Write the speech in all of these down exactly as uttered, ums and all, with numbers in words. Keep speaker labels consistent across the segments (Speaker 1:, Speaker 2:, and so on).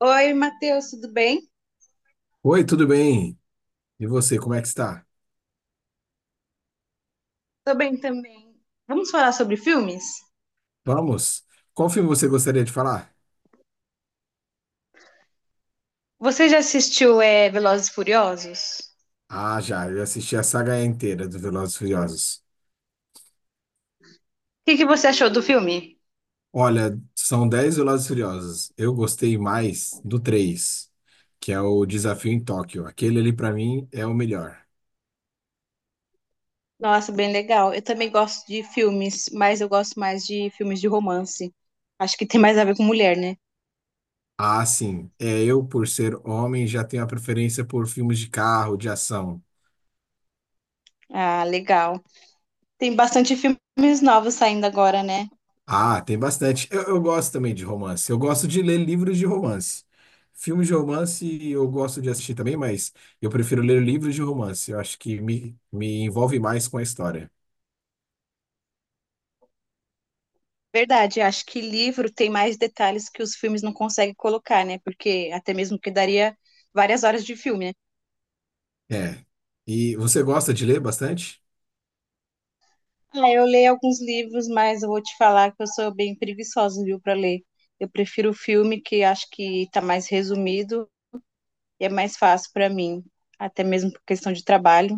Speaker 1: Oi, Matheus, tudo bem?
Speaker 2: Oi, tudo bem? E você, como é que está?
Speaker 1: Tô bem também. Vamos falar sobre filmes?
Speaker 2: Vamos? Qual filme você gostaria de falar?
Speaker 1: Você já assistiu é, Velozes e Furiosos? O
Speaker 2: Ah, já, eu assisti a saga inteira do Velozes e Furiosos.
Speaker 1: que que você achou do filme?
Speaker 2: Olha, são dez Velozes e Furiosos. Eu gostei mais do três, que é o Desafio em Tóquio. Aquele ali, para mim, é o melhor.
Speaker 1: Nossa, bem legal. Eu também gosto de filmes, mas eu gosto mais de filmes de romance. Acho que tem mais a ver com mulher, né?
Speaker 2: Ah, sim, é eu, por ser homem, já tenho a preferência por filmes de carro, de ação.
Speaker 1: Ah, legal. Tem bastante filmes novos saindo agora, né?
Speaker 2: Ah, tem bastante. Eu, eu gosto também de romance. Eu gosto de ler livros de romance. Filmes de romance eu gosto de assistir também, mas eu prefiro ler livros de romance. Eu acho que me, me envolve mais com a história.
Speaker 1: Verdade, acho que livro tem mais detalhes que os filmes não conseguem colocar, né? Porque até mesmo que daria várias horas de filme.
Speaker 2: É. E você gosta de ler bastante?
Speaker 1: Ah, eu leio alguns livros, mas eu vou te falar que eu sou bem preguiçosa, viu, para ler. Eu prefiro o filme, que acho que está mais resumido e é mais fácil para mim, até mesmo por questão de trabalho.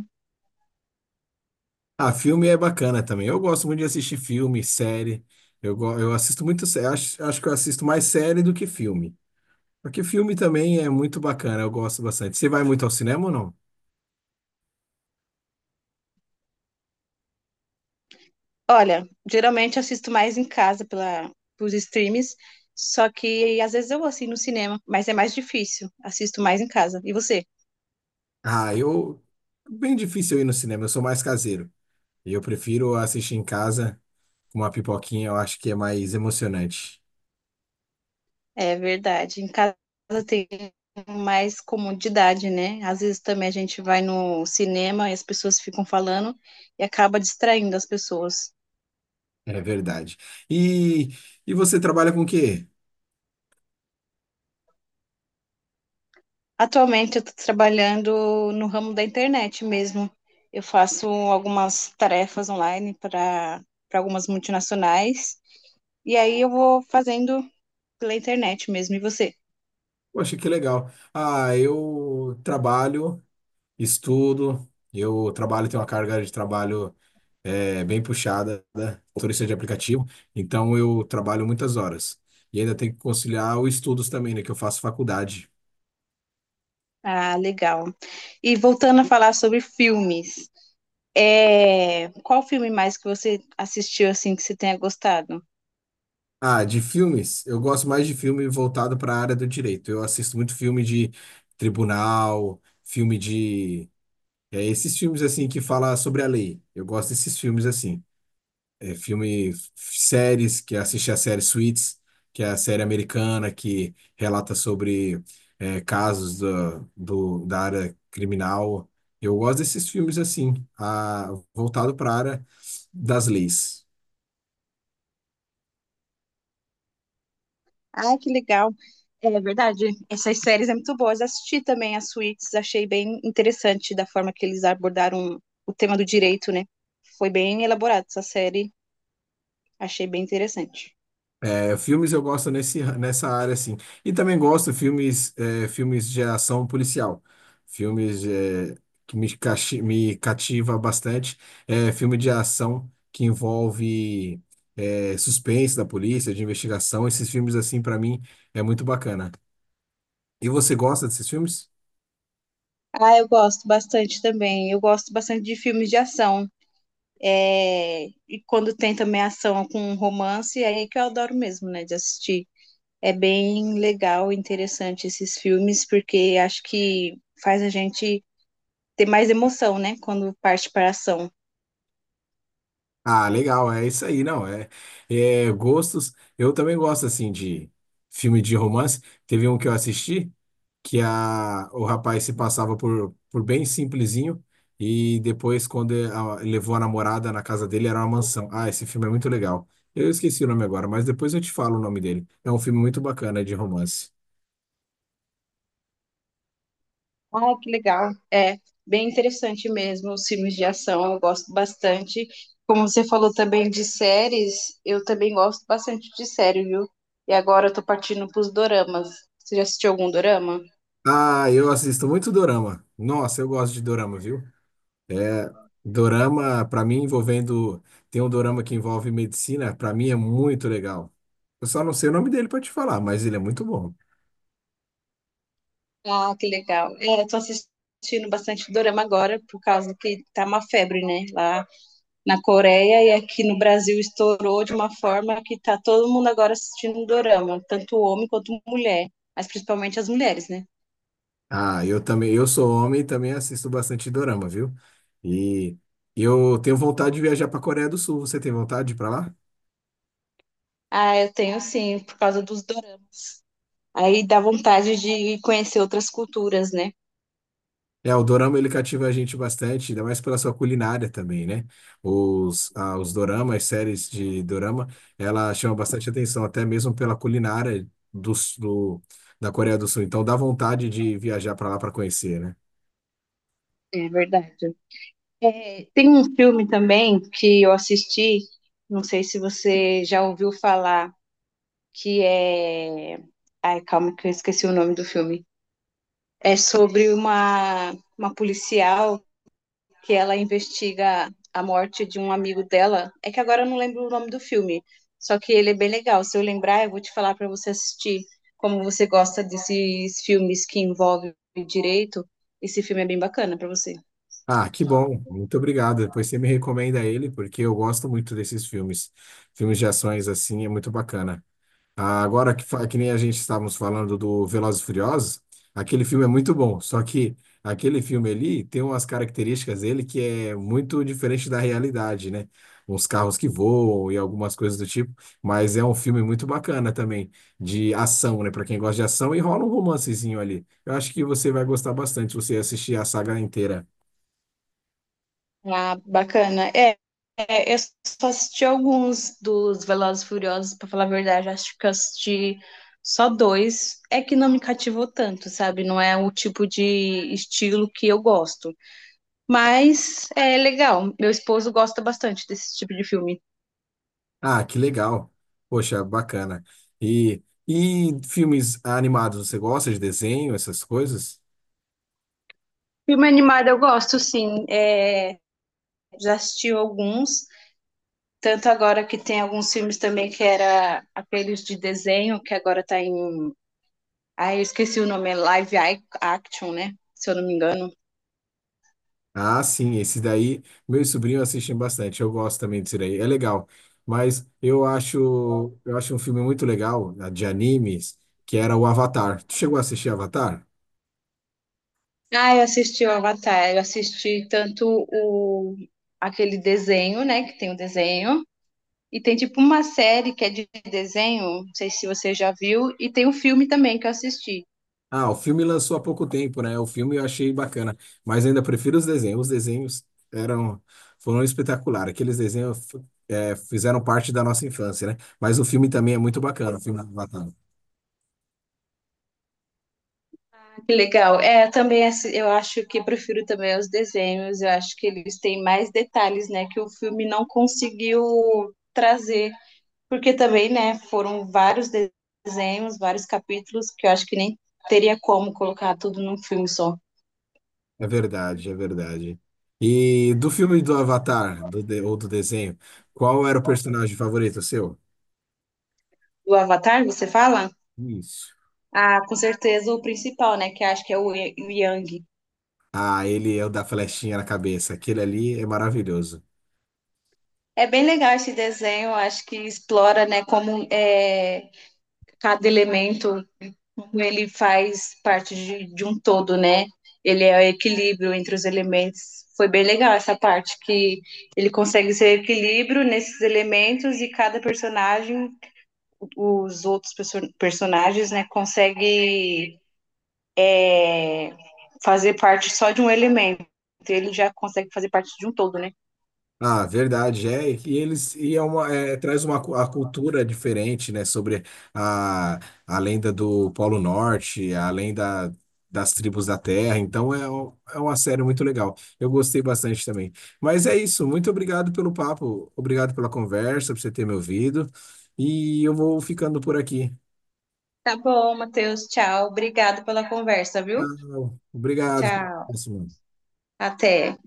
Speaker 2: Ah, filme é bacana também. Eu gosto muito de assistir filme, série. Eu, go- eu assisto muito. sé- Acho, acho que eu assisto mais série do que filme. Porque filme também é muito bacana. Eu gosto bastante. Você vai muito ao cinema ou não?
Speaker 1: Olha, geralmente eu assisto mais em casa pela, pelos streams, só que às vezes eu vou assim no cinema, mas é mais difícil. Assisto mais em casa. E você?
Speaker 2: Ah, eu. Bem difícil eu ir no cinema. Eu sou mais caseiro. E eu prefiro assistir em casa com uma pipoquinha, eu acho que é mais emocionante.
Speaker 1: É verdade. Em casa tem mais comodidade, né? Às vezes também a gente vai no cinema e as pessoas ficam falando e acaba distraindo as pessoas.
Speaker 2: É verdade. E, e você trabalha com o quê?
Speaker 1: Atualmente eu estou trabalhando no ramo da internet mesmo. Eu faço algumas tarefas online para para algumas multinacionais e aí eu vou fazendo pela internet mesmo. E você?
Speaker 2: Poxa, que legal. Ah, eu trabalho, estudo, eu trabalho, tenho uma carga de trabalho é, bem puxada, né? Motorista de aplicativo, então eu trabalho muitas horas. E ainda tenho que conciliar os estudos também, né? Que eu faço faculdade.
Speaker 1: Ah, legal. E voltando a falar sobre filmes, é, qual filme mais que você assistiu assim que você tenha gostado?
Speaker 2: Ah, de filmes, eu gosto mais de filme voltado para a área do direito. Eu assisto muito filme de tribunal, filme de. É, esses filmes assim que fala sobre a lei. Eu gosto desses filmes assim. É, filme, f- séries, que assisti a série Suits, que é a série americana que relata sobre é, casos da do, da área criminal. Eu gosto desses filmes assim, a, voltado para a área das leis.
Speaker 1: Ah, que legal. É verdade. Essas séries é muito boas. Assisti também as Suits, achei bem interessante da forma que eles abordaram o tema do direito, né? Foi bem elaborado essa série, achei bem interessante.
Speaker 2: É, filmes eu gosto nesse, nessa área, assim. E também gosto filmes, é, filmes de ação policial. Filmes, é, que me, cachi- me cativa bastante. É, filme de ação que envolve, é, suspense da polícia, de investigação. Esses filmes, assim, para mim, é muito bacana. E você gosta desses filmes?
Speaker 1: Ah, eu gosto bastante também. Eu gosto bastante de filmes de ação. É, e quando tem também ação com romance, é aí que eu adoro mesmo, né, de assistir. É bem legal, interessante esses filmes, porque acho que faz a gente ter mais emoção, né, quando parte para a ação.
Speaker 2: Ah, legal, é isso aí, não. É, é gostos. Eu também gosto, assim, de filme de romance. Teve um que eu assisti. Que a, o rapaz se passava por, por bem simplesinho e depois, quando ele, a- levou a namorada na casa dele, era uma mansão. Ah, esse filme é muito legal. Eu esqueci o nome agora, mas depois eu te falo o nome dele. É um filme muito bacana de romance.
Speaker 1: Ah, que legal. É bem interessante mesmo os filmes de ação, eu gosto bastante. Como você falou também de séries, eu também gosto bastante de série, viu? E agora eu tô partindo pros doramas. Você já assistiu algum dorama?
Speaker 2: Ah, eu assisto muito dorama. Nossa, eu gosto de dorama, viu? É, dorama, pra mim, envolvendo. Tem um dorama que envolve medicina, pra mim é muito legal. Eu só não sei o nome dele pra te falar, mas ele é muito bom.
Speaker 1: Ah, que legal. É, eu tô assistindo bastante dorama agora, por causa que tá uma febre, né? Lá na Coreia e aqui no Brasil estourou de uma forma que tá todo mundo agora assistindo um dorama, tanto homem quanto mulher, mas principalmente as mulheres, né?
Speaker 2: Ah, eu também, eu sou homem e também assisto bastante dorama, viu? E eu tenho vontade de viajar para Coreia do Sul. Você tem vontade de ir para lá?
Speaker 1: Ah, eu tenho sim, por causa dos doramas. Aí dá vontade de conhecer outras culturas, né?
Speaker 2: É, o dorama ele cativa a gente bastante, ainda mais pela sua culinária também, né? Os, ah, os doramas, as séries de dorama, ela chama bastante atenção, até mesmo pela culinária do, do- da Coreia do Sul. Então dá vontade de viajar para lá para conhecer, né?
Speaker 1: É verdade. É, tem um filme também que eu assisti, não sei se você já ouviu falar, que é. Ai, calma que eu esqueci o nome do filme. É sobre uma, uma policial que ela investiga a morte de um amigo dela. É que agora eu não lembro o nome do filme, só que ele é bem legal. Se eu lembrar, eu vou te falar para você assistir. Como você gosta desses filmes que envolvem direito, esse filme é bem bacana para você.
Speaker 2: Ah, que bom. Muito obrigado. Depois você me recomenda ele, porque eu gosto muito desses filmes. Filmes de ações assim é muito bacana. Ah, agora que, fa- que nem a gente estávamos falando do Velozes e Furiosos, aquele filme é muito bom, só que aquele filme ali tem umas características dele que é muito diferente da realidade, né? Uns carros que voam e algumas coisas do tipo, mas é um filme muito bacana também de ação, né? Para quem gosta de ação, e rola um romancezinho ali. Eu acho que você vai gostar bastante se você assistir a saga inteira.
Speaker 1: Ah, bacana. É, é, eu só assisti alguns dos Velozes e Furiosos, para falar a verdade, acho que eu assisti só dois. É que não me cativou tanto, sabe? Não é o tipo de estilo que eu gosto. Mas é legal. Meu esposo gosta bastante desse tipo de filme.
Speaker 2: Ah, que legal. Poxa, bacana. E, e filmes animados, você gosta de desenho, essas coisas?
Speaker 1: Filme animado eu gosto, sim. É, já assisti alguns. Tanto agora que tem alguns filmes também que era aqueles de desenho, que agora tá em. Ah, eu esqueci o nome, é live action, né? Se eu não me engano.
Speaker 2: Ah, sim, esse daí, meus sobrinhos assistem bastante. Eu gosto também desse daí, é legal. Mas eu acho, eu acho um filme muito legal, né, de animes, que era o Avatar. Tu chegou a assistir Avatar?
Speaker 1: Ah, eu assisti o Avatar, eu assisti tanto o aquele desenho, né? Que tem o desenho. E tem tipo uma série que é de desenho, não sei se você já viu, e tem um filme também que eu assisti.
Speaker 2: Ah, o filme lançou há pouco tempo, né? O filme eu achei bacana, mas ainda prefiro os desenhos. Os desenhos eram foram espetaculares. Aqueles desenhos eh, fizeram parte da nossa infância, né? Mas o filme também é muito bacana, o filme do Avatar.
Speaker 1: Que legal. É, também assi- eu acho que prefiro também os desenhos, eu acho que eles têm mais detalhes, né, que o filme não conseguiu trazer, porque também, né, foram vários de- desenhos, vários capítulos que eu acho que nem teria como colocar tudo num filme só.
Speaker 2: É verdade, é verdade. E do filme do Avatar, do de- ou do desenho, qual era o personagem favorito seu?
Speaker 1: Do Avatar, você fala?
Speaker 2: Isso.
Speaker 1: Ah, com certeza o principal, né, que acho que é o Ye- o Yang.
Speaker 2: Ah, ele é o da flechinha na cabeça. Aquele ali é maravilhoso.
Speaker 1: É bem legal esse desenho, eu acho que explora, né, como é, cada elemento como ele faz parte de, de um todo, né? Ele é o equilíbrio entre os elementos. Foi bem legal essa parte que ele consegue ser equilíbrio nesses elementos e cada personagem, os outros perso- personagens, né, consegue fazer parte só de um elemento. Ele já consegue fazer parte de um todo, né?
Speaker 2: Ah, verdade, é. E eles e é uma, é, traz uma cu- a cultura diferente, né? Sobre a, a lenda do Polo Norte, a lenda das tribos da Terra. Então é, um- é uma série muito legal. Eu gostei bastante também. Mas é isso. Muito obrigado pelo papo, obrigado pela conversa, por você ter me ouvido. E eu vou ficando por aqui.
Speaker 1: Tá bom, Matheus. Tchau. Obrigado pela conversa, viu?
Speaker 2: Então, obrigado. Até a
Speaker 1: Tchau.
Speaker 2: próxima.
Speaker 1: Até.